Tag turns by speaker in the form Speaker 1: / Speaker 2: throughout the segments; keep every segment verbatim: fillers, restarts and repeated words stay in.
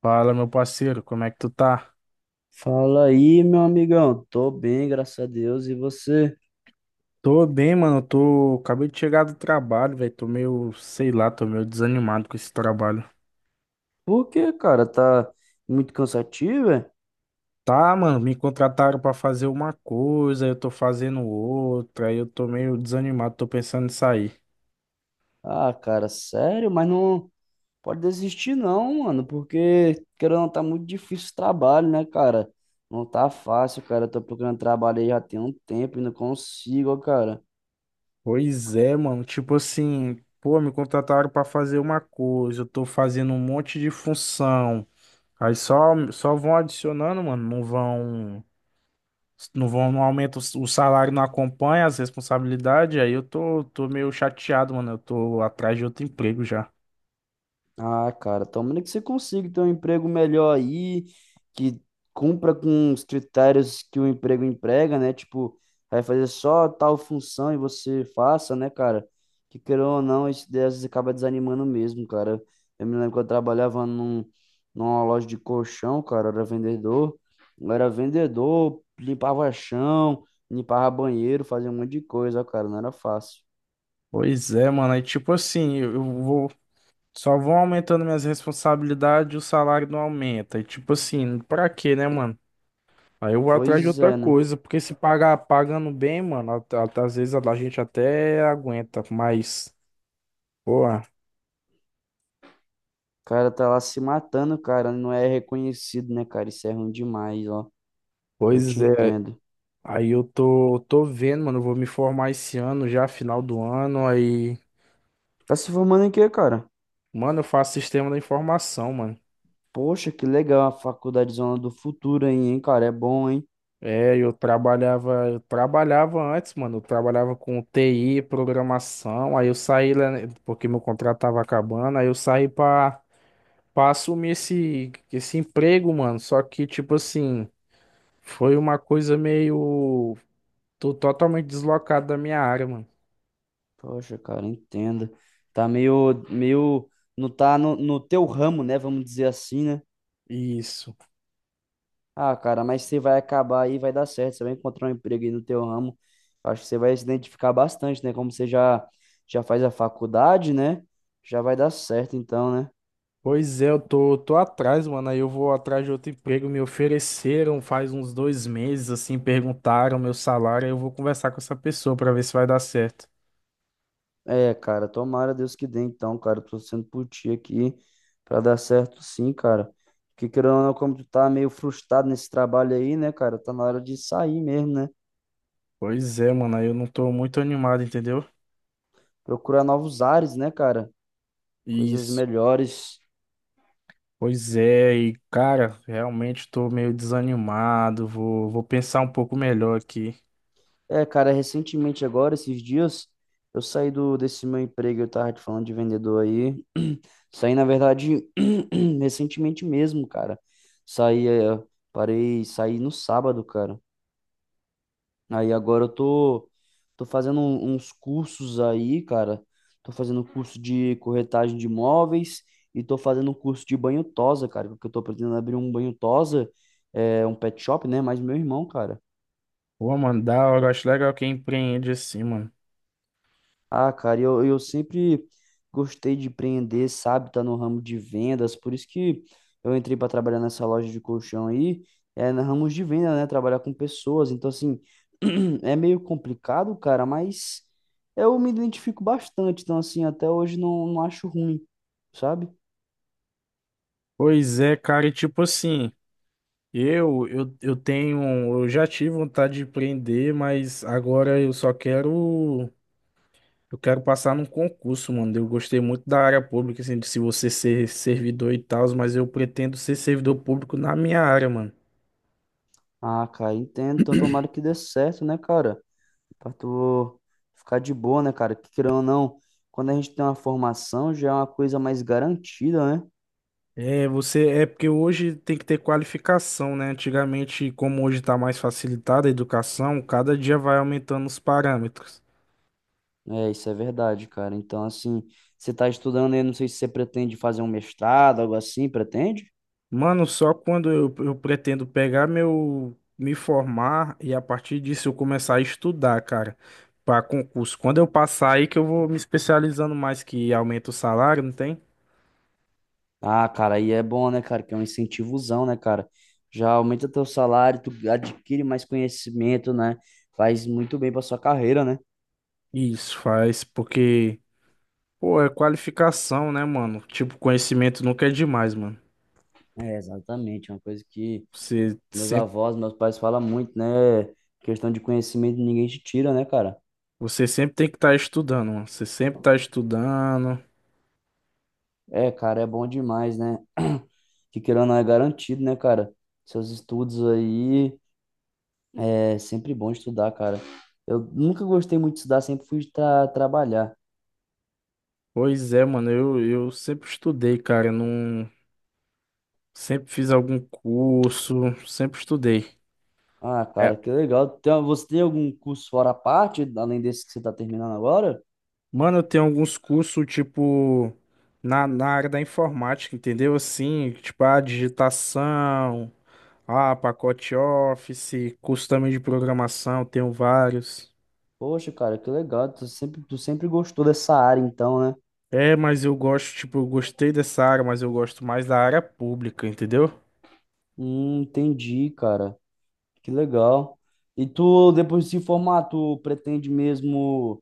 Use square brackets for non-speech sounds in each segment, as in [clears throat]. Speaker 1: Fala, meu parceiro, como é que tu tá?
Speaker 2: Fala aí, meu amigão. Tô bem, graças a Deus. E você?
Speaker 1: Tô bem, mano. Tô. Acabei de chegar do trabalho, velho. Tô meio, sei lá, tô meio desanimado com esse trabalho.
Speaker 2: Por quê, cara? Tá muito cansativo, é?
Speaker 1: Tá, mano, me contrataram pra fazer uma coisa, eu tô fazendo outra, aí eu tô meio desanimado, tô pensando em sair.
Speaker 2: Ah, cara, sério? Mas não pode desistir não, mano, porque querendo ou não, tá muito difícil o trabalho, né, cara? Não tá fácil, cara. Eu tô procurando trabalho aí já tem um tempo e não consigo, ó, cara.
Speaker 1: Pois é, mano, tipo assim, pô, me contrataram pra fazer uma coisa, eu tô fazendo um monte de função. Aí só, só vão adicionando, mano, não vão. Não vão, não aumenta, o s- o salário não acompanha as responsabilidades, aí eu tô, tô meio chateado, mano. Eu tô atrás de outro emprego já.
Speaker 2: Ah, cara, tomara que você consiga ter um emprego melhor aí, que cumpra com os critérios que o emprego emprega, né? Tipo, vai fazer só tal função e você faça, né, cara? Que querendo ou não, isso daí às vezes acaba desanimando mesmo, cara. Eu me lembro que eu trabalhava num, numa loja de colchão, cara, eu era vendedor. Eu era vendedor, limpava chão, limpava banheiro, fazia um monte de coisa, cara, não era fácil.
Speaker 1: Pois é, mano. Aí, tipo assim, eu eu vou. Só vão aumentando minhas responsabilidades e o salário não aumenta. E, tipo assim, pra quê, né, mano? Aí eu vou atrás de
Speaker 2: Pois
Speaker 1: outra
Speaker 2: é, né?
Speaker 1: coisa, porque se pagar pagando bem, mano, at- at- às vezes a a gente até aguenta, mas, pô,
Speaker 2: O cara tá lá se matando, cara, não é reconhecido, né, cara? Isso é ruim demais, ó. Eu te
Speaker 1: pois é.
Speaker 2: entendo.
Speaker 1: Aí eu tô, tô vendo, mano, eu vou me formar esse ano já, final do ano, aí.
Speaker 2: Tá se formando em quê, cara?
Speaker 1: Mano, eu faço sistema da informação, mano.
Speaker 2: Poxa, que legal a faculdade Zona do Futuro aí, hein, cara? É bom, hein?
Speaker 1: É, eu trabalhava, eu trabalhava antes, mano. Eu trabalhava com T I, programação. Aí eu saí, né, porque meu contrato tava acabando. Aí eu saí pra, pra assumir esse, esse emprego, mano. Só que, tipo assim, foi uma coisa meio. Tô totalmente deslocado da minha área, mano.
Speaker 2: Poxa, cara, entendo. Tá meio, meio, não tá no, no teu ramo, né? Vamos dizer assim, né?
Speaker 1: Isso.
Speaker 2: Ah, cara, mas você vai acabar aí, vai dar certo. Você vai encontrar um emprego aí no teu ramo. Acho que você vai se identificar bastante, né? Como você já, já faz a faculdade, né? Já vai dar certo, então, né?
Speaker 1: Pois é, eu tô, tô atrás, mano. Aí eu vou atrás de outro emprego. Me ofereceram faz uns dois meses, assim, perguntaram meu salário. Aí eu vou conversar com essa pessoa pra ver se vai dar certo.
Speaker 2: É, cara, tomara Deus que dê então, cara. Eu tô sendo por ti aqui pra dar certo sim, cara. Porque querendo ou não, como tu tá meio frustrado nesse trabalho aí, né, cara? Tá na hora de sair mesmo, né?
Speaker 1: Pois é, mano. Aí eu não tô muito animado, entendeu?
Speaker 2: Procurar novos ares, né, cara? Coisas
Speaker 1: Isso.
Speaker 2: melhores.
Speaker 1: Pois é, e cara, realmente tô meio desanimado. Vou, vou pensar um pouco melhor aqui.
Speaker 2: É, cara, recentemente agora, esses dias, eu saí do, desse meu emprego, eu tava te falando de vendedor aí. [clears throat] Saí, na verdade, [clears throat] recentemente mesmo, cara. Saí, é, parei, saí no sábado, cara. Aí agora eu tô, tô fazendo um- uns cursos aí, cara. Tô fazendo curso de corretagem de imóveis e tô fazendo um curso de banho tosa, cara, porque eu tô pretendendo abrir um banho tosa, é, um pet shop, né? Mas meu irmão, cara.
Speaker 1: Pô, mano, da hora. Eu Acho legal quem empreende assim, mano.
Speaker 2: Ah, cara, eu, eu sempre gostei de empreender, sabe? Tá no ramo de vendas, por isso que eu entrei para trabalhar nessa loja de colchão aí, é no ramo de venda, né? Trabalhar com pessoas, então assim, [clears throat] é meio complicado, cara, mas eu me identifico bastante, então assim, até hoje não, não acho ruim, sabe?
Speaker 1: Pois é, cara, e tipo assim. Eu, eu, eu tenho, eu já tive vontade de empreender, mas agora eu só quero, eu quero passar num concurso, mano. Eu gostei muito da área pública, assim, de se você ser servidor e tal, mas eu pretendo ser servidor público na minha área, mano.
Speaker 2: Ah, cara, entendo, então tomara que dê certo, né, cara? Pra tu ficar de boa, né, cara? Que querendo ou não, quando a gente tem uma formação, já é uma coisa mais garantida, né?
Speaker 1: É, você, é porque hoje tem que ter qualificação, né? Antigamente, como hoje tá mais facilitada a educação, cada dia vai aumentando os parâmetros.
Speaker 2: É, isso é verdade, cara. Então, assim, você está estudando aí, não sei se você pretende fazer um mestrado, algo assim, pretende?
Speaker 1: Mano, só quando eu, eu pretendo pegar meu, me formar e a partir disso eu começar a estudar, cara, para concurso. Quando eu passar aí que eu vou me especializando mais, que aumenta o salário, não tem?
Speaker 2: Ah, cara, aí é bom, né, cara? Que é um incentivozão, né, cara? Já aumenta teu salário, tu adquire mais conhecimento, né? Faz muito bem pra sua carreira, né?
Speaker 1: Isso faz, porque, pô, é qualificação, né, mano? Tipo, conhecimento nunca é demais, mano.
Speaker 2: É, exatamente, é uma coisa que
Speaker 1: Você
Speaker 2: meus
Speaker 1: sempre,
Speaker 2: avós, meus pais falam muito, né? Questão de conhecimento ninguém te tira, né, cara?
Speaker 1: você sempre tem que estar estudando, mano. Você sempre tá estudando.
Speaker 2: É, cara, é bom demais, né? [clears throat] Que querendo ou não é garantido, né, cara? Seus estudos aí. É sempre bom estudar, cara. Eu nunca gostei muito de estudar, sempre fui tra trabalhar.
Speaker 1: Pois é, mano, eu, eu sempre estudei, cara. Não, sempre fiz algum curso, sempre estudei.
Speaker 2: Ah,
Speaker 1: É
Speaker 2: cara, que legal. Tem, você tem algum curso fora a parte, além desse que você tá terminando agora?
Speaker 1: Mano, eu tenho alguns cursos, tipo, na, na área da informática, entendeu? Assim, tipo, a digitação, a pacote Office, curso também de programação, tenho vários.
Speaker 2: Poxa, cara, que legal. Tu sempre, tu sempre gostou dessa área, então, né?
Speaker 1: É, mas eu gosto, tipo, eu gostei dessa área, mas eu gosto mais da área pública, entendeu?
Speaker 2: Hum, entendi, cara. Que legal. E tu, depois de se formar, tu pretende mesmo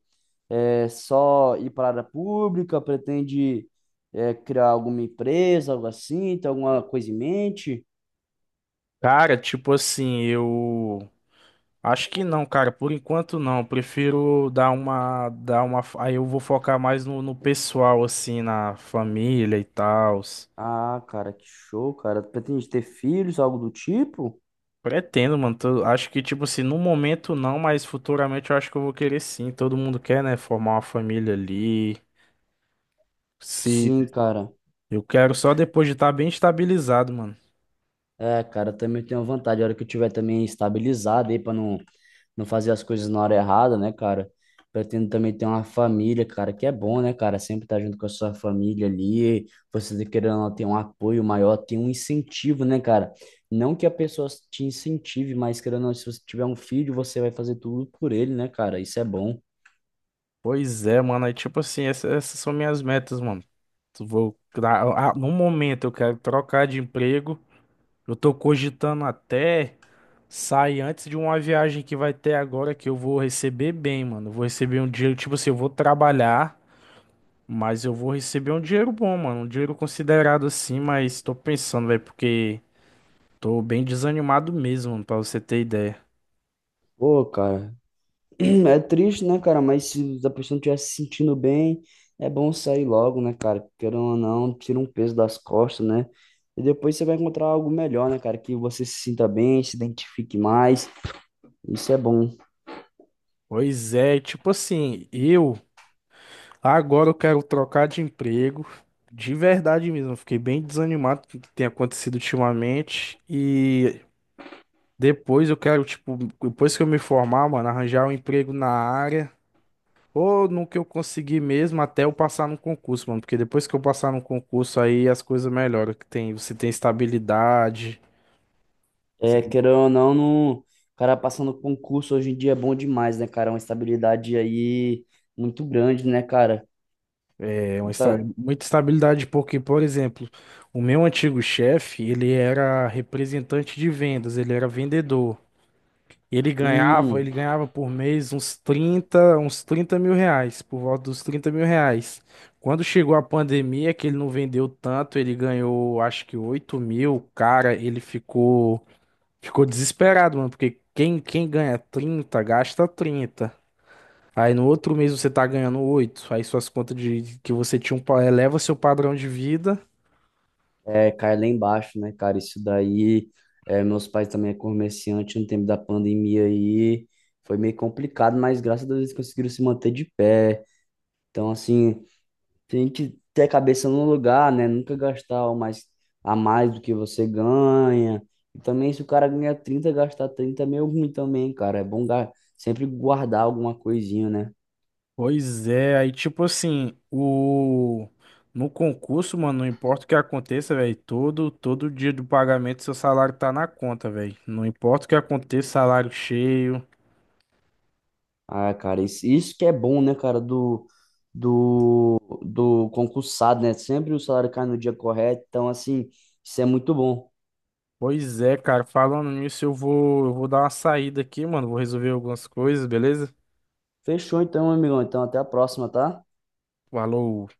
Speaker 2: é, só ir para a área pública? Pretende é, criar alguma empresa, algo assim? Tem alguma coisa em mente?
Speaker 1: Cara, tipo assim, eu acho que não, cara, por enquanto não. Eu Prefiro dar uma, dar uma, aí eu vou focar mais no, no pessoal, assim, na família e tal.
Speaker 2: Ah, cara, que show, cara. Pretende ter filhos, algo do tipo?
Speaker 1: Pretendo, mano. Tô- acho que, tipo assim, no momento não, mas futuramente eu acho que eu vou querer sim. Todo mundo quer, né? Formar uma família ali. Se
Speaker 2: Sim, cara.
Speaker 1: eu quero só depois de estar bem estabilizado, mano.
Speaker 2: É, cara, eu também tenho vontade. A hora que eu tiver também estabilizado aí, pra não, não fazer as coisas na hora errada, né, cara? Pretendo também ter uma família, cara, que é bom, né, cara? Sempre estar junto com a sua família ali. Você tá querendo ou não, ter um apoio maior, ter um incentivo, né, cara? Não que a pessoa te incentive, mas querendo ou não, se você tiver um filho, você vai fazer tudo por ele, né, cara? Isso é bom.
Speaker 1: Pois é, mano. Aí, tipo assim, essa- essas, são minhas metas, mano. Tu Vou, ah, ah, no momento eu quero trocar de emprego. Eu tô cogitando até sair antes de uma viagem que vai ter agora que eu vou receber bem, mano. Eu vou receber um dinheiro, tipo assim, eu vou trabalhar. Mas eu vou receber um dinheiro bom, mano. Um dinheiro considerado assim, mas tô pensando, velho, porque tô bem desanimado mesmo, mano, pra você ter ideia.
Speaker 2: Pô, cara, [clears throat] é triste, né, cara? Mas se a pessoa não estiver se sentindo bem, é bom sair logo, né, cara? Querendo ou não, tira um peso das costas, né? E depois você vai encontrar algo melhor, né, cara? Que você se sinta bem, se identifique mais. Isso é bom.
Speaker 1: Pois é, tipo assim, eu agora eu quero trocar de emprego. De verdade mesmo, eu fiquei bem desanimado com o que tem acontecido ultimamente. E depois eu quero, tipo, depois que eu me formar, mano, arranjar um emprego na área. Ou no que eu consegui mesmo até eu passar no concurso, mano. Porque depois que eu passar no concurso, aí as coisas melhoram. Que tem, você tem estabilidade.
Speaker 2: É,
Speaker 1: Sim.
Speaker 2: querendo ou não, no... cara passando concurso hoje em dia é bom demais, né, cara? É uma estabilidade aí muito grande, né, cara?
Speaker 1: É uma,
Speaker 2: E
Speaker 1: esta-
Speaker 2: tá...
Speaker 1: muita estabilidade, porque, por exemplo, o meu antigo chefe, ele era representante de vendas, ele era vendedor. E Ele ganhava,
Speaker 2: Hum.
Speaker 1: ele ganhava por mês uns trinta uns trinta mil reais, por volta dos trinta mil reais. Quando chegou a pandemia, que ele não vendeu tanto, ele ganhou acho que oito mil, cara, ele ficou. Ficou desesperado, mano, porque quem, quem ganha trinta gasta trinta. Aí no outro mês você tá ganhando oito. Aí suas contas de que você tinha um, pa- eleva seu padrão de vida.
Speaker 2: É, cai lá embaixo, né, cara? Isso daí, é, meus pais também é comerciante no tempo da pandemia aí, foi meio complicado, mas graças a Deus eles conseguiram se manter de pé. Então, assim, tem que ter a cabeça no lugar, né? Nunca gastar o mais, a mais do que você ganha. E também, se o cara ganha trinta, gastar trinta é meio ruim também, cara. É bom ga- sempre guardar alguma coisinha, né?
Speaker 1: Pois é, aí tipo assim, o no concurso, mano, não importa o que aconteça, velho, todo todo dia do pagamento seu salário tá na conta, velho. Não importa o que aconteça, salário cheio.
Speaker 2: Ah, cara, isso, isso que é bom, né, cara, Do do, do concursado, né? Sempre o salário cai no dia correto. Então, assim, isso é muito bom.
Speaker 1: Pois é, cara, falando nisso, eu vou eu vou dar uma saída aqui, mano, vou resolver algumas coisas, beleza?
Speaker 2: Fechou então, meu amigão. Então, até a próxima, tá?
Speaker 1: Falou.